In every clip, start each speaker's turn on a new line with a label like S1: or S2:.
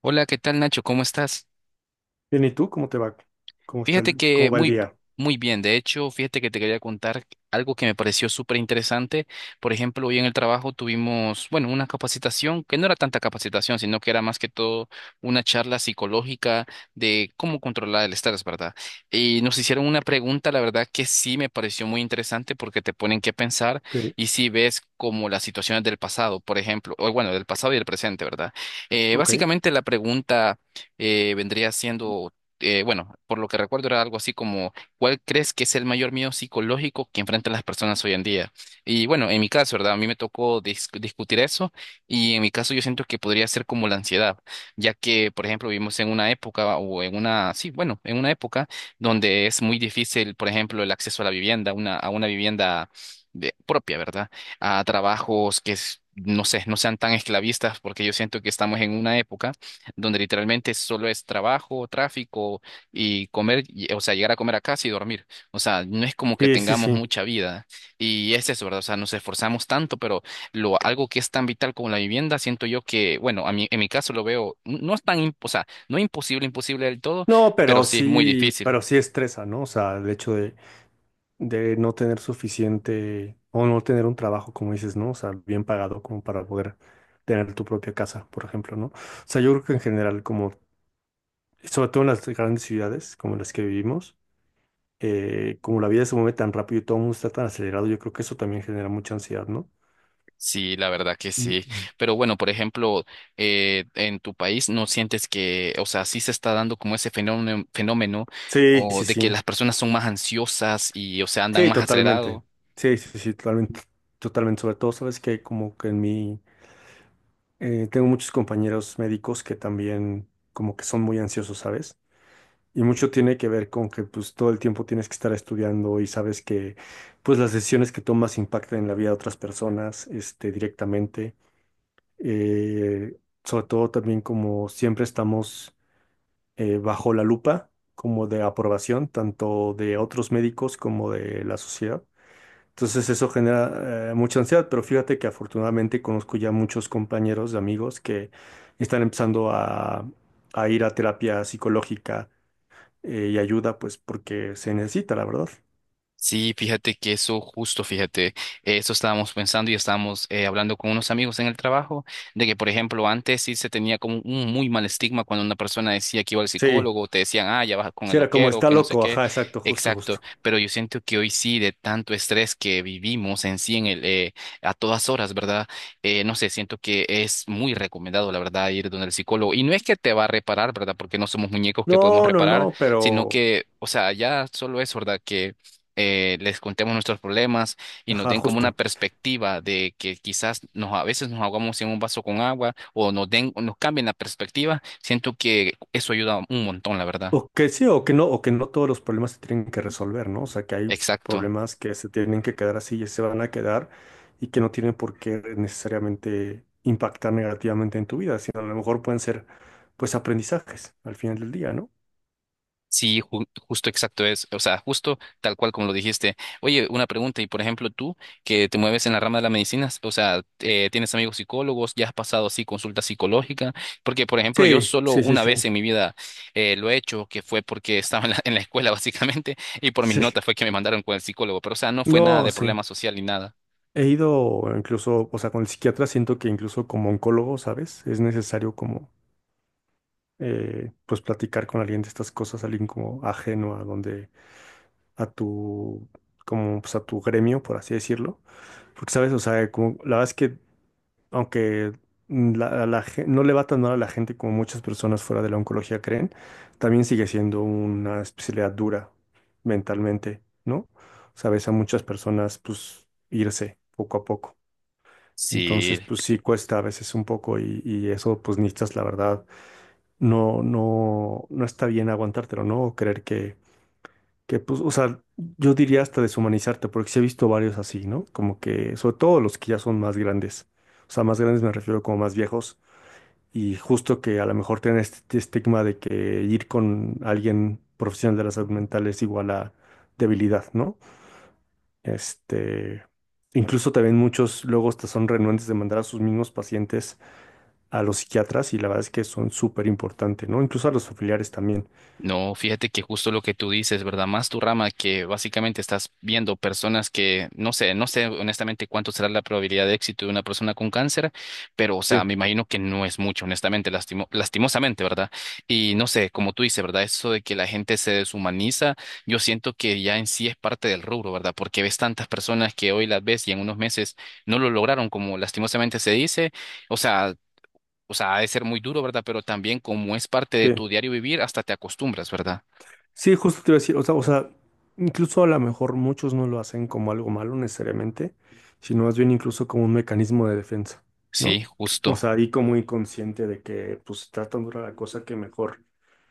S1: Hola, ¿qué tal, Nacho? ¿Cómo estás?
S2: Bien, ¿y tú cómo te va? ¿Cómo está
S1: Fíjate que
S2: cómo va el
S1: muy,
S2: día?
S1: muy bien. De hecho, fíjate que te quería contar algo que me pareció súper interesante. Por ejemplo, hoy en el trabajo tuvimos, bueno, una capacitación que no era tanta capacitación, sino que era más que todo una charla psicológica de cómo controlar el estrés, ¿verdad? Y nos hicieron una pregunta, la verdad que sí me pareció muy interesante porque te ponen que pensar
S2: Ok,
S1: y si ves como las situaciones del pasado, por ejemplo, o bueno, del pasado y del presente, ¿verdad?
S2: ok.
S1: Básicamente la pregunta vendría siendo, bueno, por lo que recuerdo, era algo así como, ¿cuál crees que es el mayor miedo psicológico que enfrentan las personas hoy en día? Y bueno, en mi caso, ¿verdad? A mí me tocó discutir eso, y en mi caso yo siento que podría ser como la ansiedad, ya que, por ejemplo, vivimos en una época o en una, sí, bueno, en una época donde es muy difícil, por ejemplo, el acceso a la vivienda, una, a una vivienda propia, ¿verdad? A trabajos que... No sé, no sean tan esclavistas, porque yo siento que estamos en una época donde literalmente solo es trabajo, tráfico y comer, o sea, llegar a comer a casa y dormir. O sea, no es como que
S2: Sí, sí,
S1: tengamos
S2: sí.
S1: mucha vida. Y es eso, ¿verdad? O sea, nos esforzamos tanto, pero algo que es tan vital como la vivienda, siento yo que, bueno, a mí, en mi caso lo veo, no es tan, o sea, no imposible, imposible del todo,
S2: No,
S1: pero sí es muy difícil.
S2: pero sí estresa, ¿no? O sea, el hecho de no tener suficiente o no tener un trabajo, como dices, ¿no? O sea, bien pagado como para poder tener tu propia casa, por ejemplo, ¿no? O sea, yo creo que en general, como, sobre todo en las grandes ciudades como las que vivimos, como la vida se mueve tan rápido y todo el mundo está tan acelerado, yo creo que eso también genera mucha ansiedad, ¿no?
S1: Sí, la verdad que
S2: Mm,
S1: sí.
S2: mm.
S1: Pero bueno, por ejemplo, en tu país no sientes que, o sea, sí se está dando como ese fenómeno, fenómeno,
S2: Sí,
S1: o
S2: sí,
S1: de que
S2: sí.
S1: las personas son más ansiosas y, o sea, andan
S2: Sí,
S1: más
S2: totalmente.
S1: acelerados.
S2: Sí, sí, sí, totalmente. Totalmente. Sobre todo, sabes que como que en mí tengo muchos compañeros médicos que también como que son muy ansiosos, ¿sabes? Y mucho tiene que ver con que pues todo el tiempo tienes que estar estudiando y sabes que pues las decisiones que tomas impactan en la vida de otras personas este, directamente. Eh, sobre todo también como siempre estamos bajo la lupa como de aprobación tanto de otros médicos como de la sociedad. Entonces eso genera mucha ansiedad, pero fíjate que afortunadamente conozco ya muchos compañeros, amigos que están empezando a ir a terapia psicológica y ayuda, pues porque se necesita, la verdad.
S1: Sí, fíjate que eso justo, fíjate, eso estábamos pensando y estábamos hablando con unos amigos en el trabajo, de que, por ejemplo, antes sí se tenía como un muy mal estigma cuando una persona decía que iba al
S2: Sí,
S1: psicólogo, te decían, ah, ya vas con
S2: sí
S1: el
S2: era como
S1: loquero,
S2: está
S1: que no sé
S2: loco,
S1: qué,
S2: ajá, exacto, justo,
S1: exacto,
S2: justo.
S1: pero yo siento que hoy sí, de tanto estrés que vivimos en sí, en el, a todas horas, ¿verdad? No sé, siento que es muy recomendado, la verdad, ir donde el psicólogo, y no es que te va a reparar, ¿verdad? Porque no somos muñecos que podemos
S2: No, no,
S1: reparar,
S2: no,
S1: sino
S2: pero,
S1: que, o sea, ya solo es, ¿verdad? Que les contemos nuestros problemas y nos
S2: ajá,
S1: den como una
S2: justo.
S1: perspectiva de que quizás nos, a veces nos ahogamos en un vaso con agua o nos den, o nos cambien la perspectiva, siento que eso ayuda un montón, la verdad.
S2: O que sí, o que no todos los problemas se tienen que resolver, ¿no? O sea, que hay
S1: Exacto.
S2: problemas que se tienen que quedar así y se van a quedar y que no tienen por qué necesariamente impactar negativamente en tu vida, sino a lo mejor pueden ser, pues, aprendizajes al final del día, ¿no?
S1: Sí, justo exacto es, o sea, justo tal cual como lo dijiste. Oye, una pregunta, y por ejemplo, tú, que te mueves en la rama de la medicina, o sea, tienes amigos psicólogos, ya has pasado así consulta psicológica, porque por ejemplo, yo
S2: Sí,
S1: solo
S2: sí, sí,
S1: una
S2: sí.
S1: vez en mi vida lo he hecho, que fue porque estaba en la escuela básicamente, y por mis
S2: Sí.
S1: notas fue que me mandaron con el psicólogo, pero o sea, no fue nada
S2: No,
S1: de
S2: sí.
S1: problema social ni nada.
S2: He ido incluso, o sea, con el psiquiatra siento que incluso como oncólogo, ¿sabes? Es necesario como, pues, platicar con alguien de estas cosas, alguien como ajeno a donde a tu, como pues a tu gremio, por así decirlo. Porque, ¿sabes? O sea, como, la verdad es que, aunque mm, la, a la gen- no le va tan mal a la gente como muchas personas fuera de la oncología creen, también sigue siendo una especialidad dura mentalmente, ¿no? Sabes, a muchas personas, pues, irse poco a poco.
S1: Sí.
S2: Entonces, pues sí cuesta a veces un poco y eso, pues, necesitas, la verdad, no, no, no está bien aguantártelo, ¿no? O creer que pues, o sea, yo diría hasta deshumanizarte, porque sí he visto varios así, ¿no? Como que, sobre todo los que ya son más grandes, o sea, más grandes me refiero como más viejos, y justo que a lo mejor tienen este estigma de que ir con alguien profesional de la salud mental es igual a debilidad, ¿no? Este, incluso también muchos luego hasta son renuentes de mandar a sus mismos pacientes a los psiquiatras, y la verdad es que son súper importantes, ¿no? Incluso a los familiares también.
S1: No, fíjate que justo lo que tú dices, ¿verdad? Más tu rama, que básicamente estás viendo personas que, no sé, no sé honestamente cuánto será la probabilidad de éxito de una persona con cáncer, pero o sea,
S2: Sí,
S1: me imagino que no es mucho, honestamente, lastimosamente, ¿verdad? Y no sé, como tú dices, ¿verdad? Eso de que la gente se deshumaniza, yo siento que ya en sí es parte del rubro, ¿verdad? Porque ves tantas personas que hoy las ves y en unos meses no lo lograron, como lastimosamente se dice, o sea o sea, ha de ser muy duro, ¿verdad? Pero también como es parte de
S2: sí.
S1: tu diario vivir, hasta te acostumbras, ¿verdad?
S2: Sí, justo te iba a decir, o sea, incluso a lo mejor muchos no lo hacen como algo malo necesariamente, sino más bien incluso como un mecanismo de defensa, ¿no?
S1: Sí,
S2: O
S1: justo.
S2: sea, ahí como inconsciente de que pues está tan dura la cosa que mejor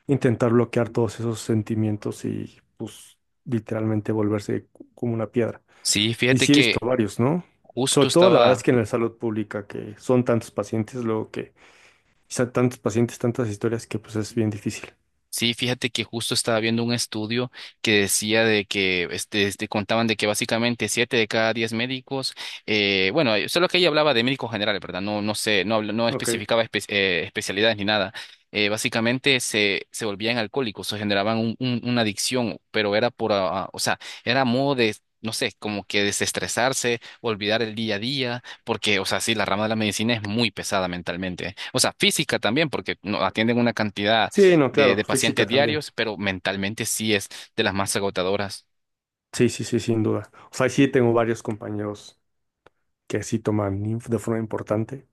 S2: intentar bloquear todos esos sentimientos y pues literalmente volverse como una piedra.
S1: Sí,
S2: Y
S1: fíjate
S2: sí he visto
S1: que
S2: varios, ¿no?
S1: justo
S2: Sobre todo la verdad es
S1: estaba
S2: que en la salud pública, que son tantos pacientes, luego que quizá tantos pacientes, tantas historias que pues es bien difícil.
S1: Sí, fíjate que justo estaba viendo un estudio que decía de que este, contaban de que básicamente 7 de cada 10 médicos, bueno, solo que ella hablaba de médicos generales, ¿verdad? No, no sé, no, no
S2: Ok.
S1: especificaba especialidades ni nada. Básicamente se volvían alcohólicos o generaban una adicción, pero era por, ah, ah, o sea, era modo de, no sé, como que desestresarse, olvidar el día a día, porque, o sea, sí, la rama de la medicina es muy pesada mentalmente. O sea, física también, porque no, atienden una cantidad
S2: Sí, no, claro,
S1: de
S2: física
S1: pacientes
S2: también.
S1: diarios, pero mentalmente sí es de las más agotadoras.
S2: Sí, sí, sí, sin duda. O sea, sí tengo varios compañeros que sí toman de forma importante.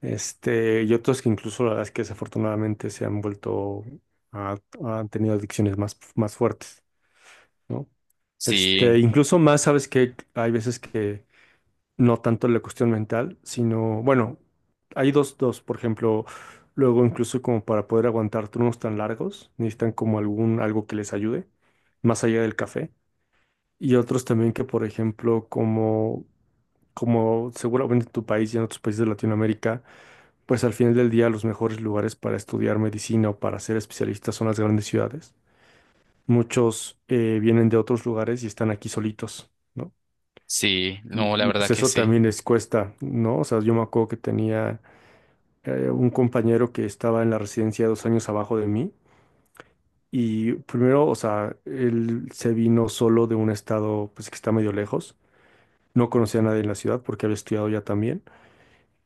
S2: Este, y otros que incluso la verdad es que desafortunadamente se han vuelto, a- han tenido adicciones más, más fuertes, ¿no?
S1: Sí,
S2: Este, incluso más, sabes que hay veces que no tanto la cuestión mental, sino, bueno, hay dos, dos, por ejemplo, luego incluso como para poder aguantar turnos tan largos, necesitan como algún, algo que les ayude, más allá del café. Y otros también que, por ejemplo, como, como seguramente en tu país y en otros países de Latinoamérica, pues al final del día los mejores lugares para estudiar medicina o para ser especialistas son las grandes ciudades. Muchos vienen de otros lugares y están aquí solitos, ¿no?
S1: sí,
S2: Y,
S1: no, la verdad
S2: pues
S1: que
S2: eso
S1: sí.
S2: también les cuesta, ¿no? O sea, yo me acuerdo que tenía un compañero que estaba en la residencia 2 años abajo de mí. Y primero, o sea, él se vino solo de un estado pues que está medio lejos. No conocía a nadie en la ciudad porque había estudiado ya también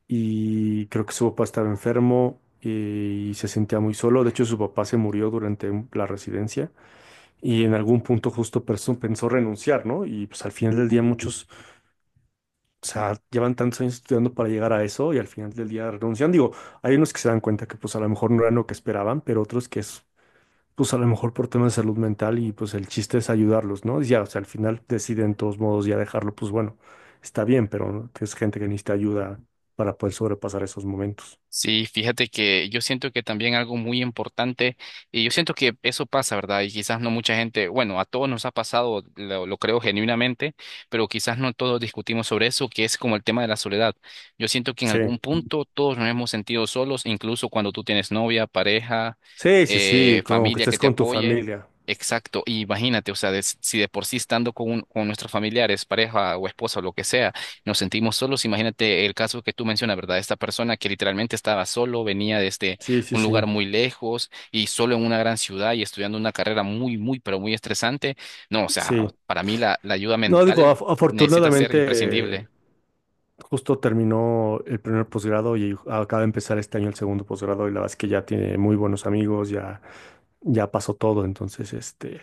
S2: y creo que su papá estaba enfermo y se sentía muy solo. De hecho, su papá se murió durante la residencia y en algún punto justo pensó renunciar, ¿no? Y pues al final del día muchos, o sea, llevan tantos años estudiando para llegar a eso y al final del día renuncian. Digo, hay unos que se dan cuenta que pues a lo mejor no eran lo que esperaban, pero otros que es pues a lo mejor por temas de salud mental y pues el chiste es ayudarlos, ¿no? Y ya, o sea, al final deciden de todos modos ya dejarlo, pues bueno, está bien, pero no, es gente que necesita ayuda para poder sobrepasar esos momentos.
S1: Sí, fíjate que yo siento que también algo muy importante, y yo siento que eso pasa, ¿verdad? Y quizás no mucha gente, bueno, a todos nos ha pasado, lo creo genuinamente, pero quizás no todos discutimos sobre eso, que es como el tema de la soledad. Yo siento que en
S2: Sí,
S1: algún punto todos nos hemos sentido solos, incluso cuando tú tienes novia, pareja,
S2: sí, sí, sí, como que
S1: familia que
S2: estés
S1: te
S2: con tu
S1: apoye.
S2: familia.
S1: Exacto, y imagínate, o sea, si de por sí estando con, con nuestros familiares, pareja o esposa o lo que sea nos sentimos solos. Imagínate el caso que tú mencionas, ¿verdad? Esta persona que literalmente estaba solo, venía desde
S2: Sí, sí,
S1: un
S2: sí,
S1: lugar muy lejos y solo en una gran ciudad y estudiando una carrera muy, muy, pero muy estresante. No, o sea,
S2: sí.
S1: para mí la ayuda
S2: No, digo,
S1: mental necesita ser
S2: afortunadamente,
S1: imprescindible.
S2: justo terminó el primer posgrado y acaba de empezar este año el segundo posgrado y la verdad es que ya tiene muy buenos amigos, ya, ya pasó todo, entonces, este...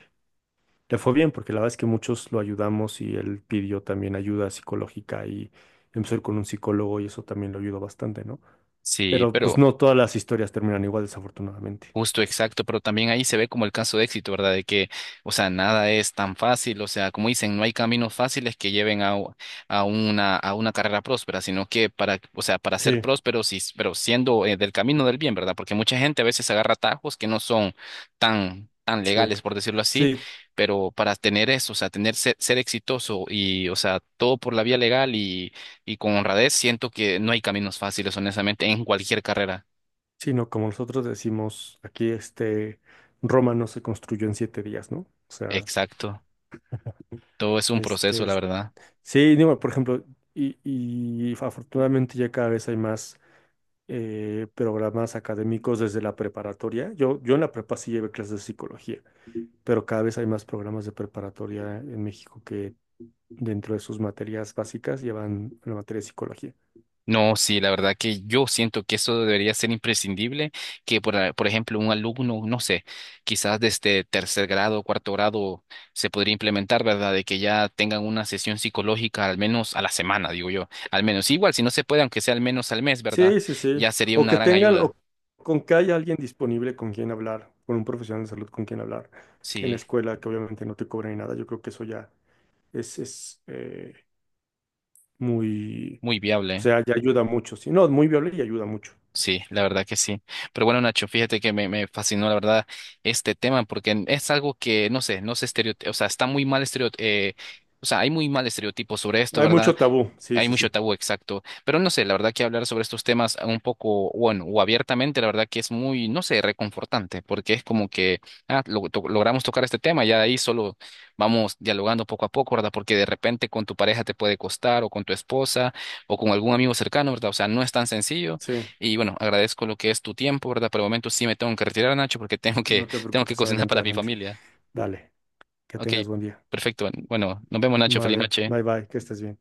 S2: Le fue bien porque la verdad es que muchos lo ayudamos y él pidió también ayuda psicológica y empezó a ir con un psicólogo y eso también lo ayudó bastante, ¿no?
S1: Sí,
S2: Pero pues
S1: pero
S2: no todas las historias terminan igual, desafortunadamente.
S1: justo, exacto, pero también ahí se ve como el caso de éxito, ¿verdad? De que, o sea, nada es tan fácil, o sea, como dicen, no hay caminos fáciles que lleven a, a una carrera próspera, sino que para, o sea, para ser
S2: Sí,
S1: próspero, sí, pero siendo, del camino del bien, ¿verdad? Porque mucha gente a veces agarra atajos que no son tan, tan
S2: sí,
S1: legales, por decirlo así,
S2: sí,
S1: pero para tener eso, o sea, tener ser, ser exitoso y, o sea, todo por la vía legal y con honradez, siento que no hay caminos fáciles, honestamente, en cualquier carrera.
S2: sí, no, como nosotros decimos aquí, este, Roma no se construyó en 7 días, ¿no? O sea,
S1: Exacto. Todo es un proceso,
S2: este,
S1: la verdad.
S2: sí, digo, por ejemplo, y afortunadamente ya cada vez hay más programas académicos desde la preparatoria. Yo en la prepa sí llevé clases de psicología pero cada vez hay más programas de preparatoria en México que dentro de sus materias básicas llevan la materia de psicología.
S1: No, sí, la verdad que yo siento que eso debería ser imprescindible, que por, por ejemplo un alumno, no sé, quizás desde tercer grado, cuarto grado, se podría implementar, ¿verdad? De que ya tengan una sesión psicológica al menos a la semana, digo yo, al menos. Igual, si no se puede, aunque sea al menos al mes, ¿verdad?
S2: Sí, sí, sí.
S1: Ya sería
S2: O
S1: una
S2: que
S1: gran
S2: tengan,
S1: ayuda.
S2: o con que haya alguien disponible con quien hablar, con un profesional de salud con quien hablar en la
S1: Sí,
S2: escuela, que obviamente no te cobra ni nada. Yo creo que eso ya es muy,
S1: muy
S2: o
S1: viable.
S2: sea, ya ayuda mucho. Sí, no, muy viable y ayuda mucho.
S1: Sí, la verdad que sí. Pero bueno, Nacho, fíjate que me fascinó, la verdad, este tema, porque es algo que, no sé, no se estereotipa, o sea, está muy mal estereotipo, o sea, hay muy mal estereotipo sobre esto,
S2: Hay
S1: ¿verdad?
S2: mucho tabú. Sí,
S1: Hay
S2: sí,
S1: mucho
S2: sí.
S1: tabú, exacto. Pero no sé, la verdad que hablar sobre estos temas un poco, bueno, o abiertamente, la verdad que es muy, no sé, reconfortante, porque es como que ah, logramos tocar este tema, ya de ahí solo vamos dialogando poco a poco, ¿verdad? Porque de repente con tu pareja te puede costar, o con tu esposa, o con algún amigo cercano, ¿verdad? O sea, no es tan sencillo.
S2: Sí,
S1: Y bueno, agradezco lo que es tu tiempo, ¿verdad? Por el momento sí me tengo que retirar, Nacho, porque
S2: no te
S1: tengo que
S2: preocupes.
S1: cocinar
S2: Adelante,
S1: para mi
S2: adelante.
S1: familia.
S2: Dale, que
S1: Ok,
S2: tengas buen día.
S1: perfecto. Bueno, nos vemos, Nacho. Feliz
S2: Vale,
S1: noche.
S2: bye bye, que estés bien.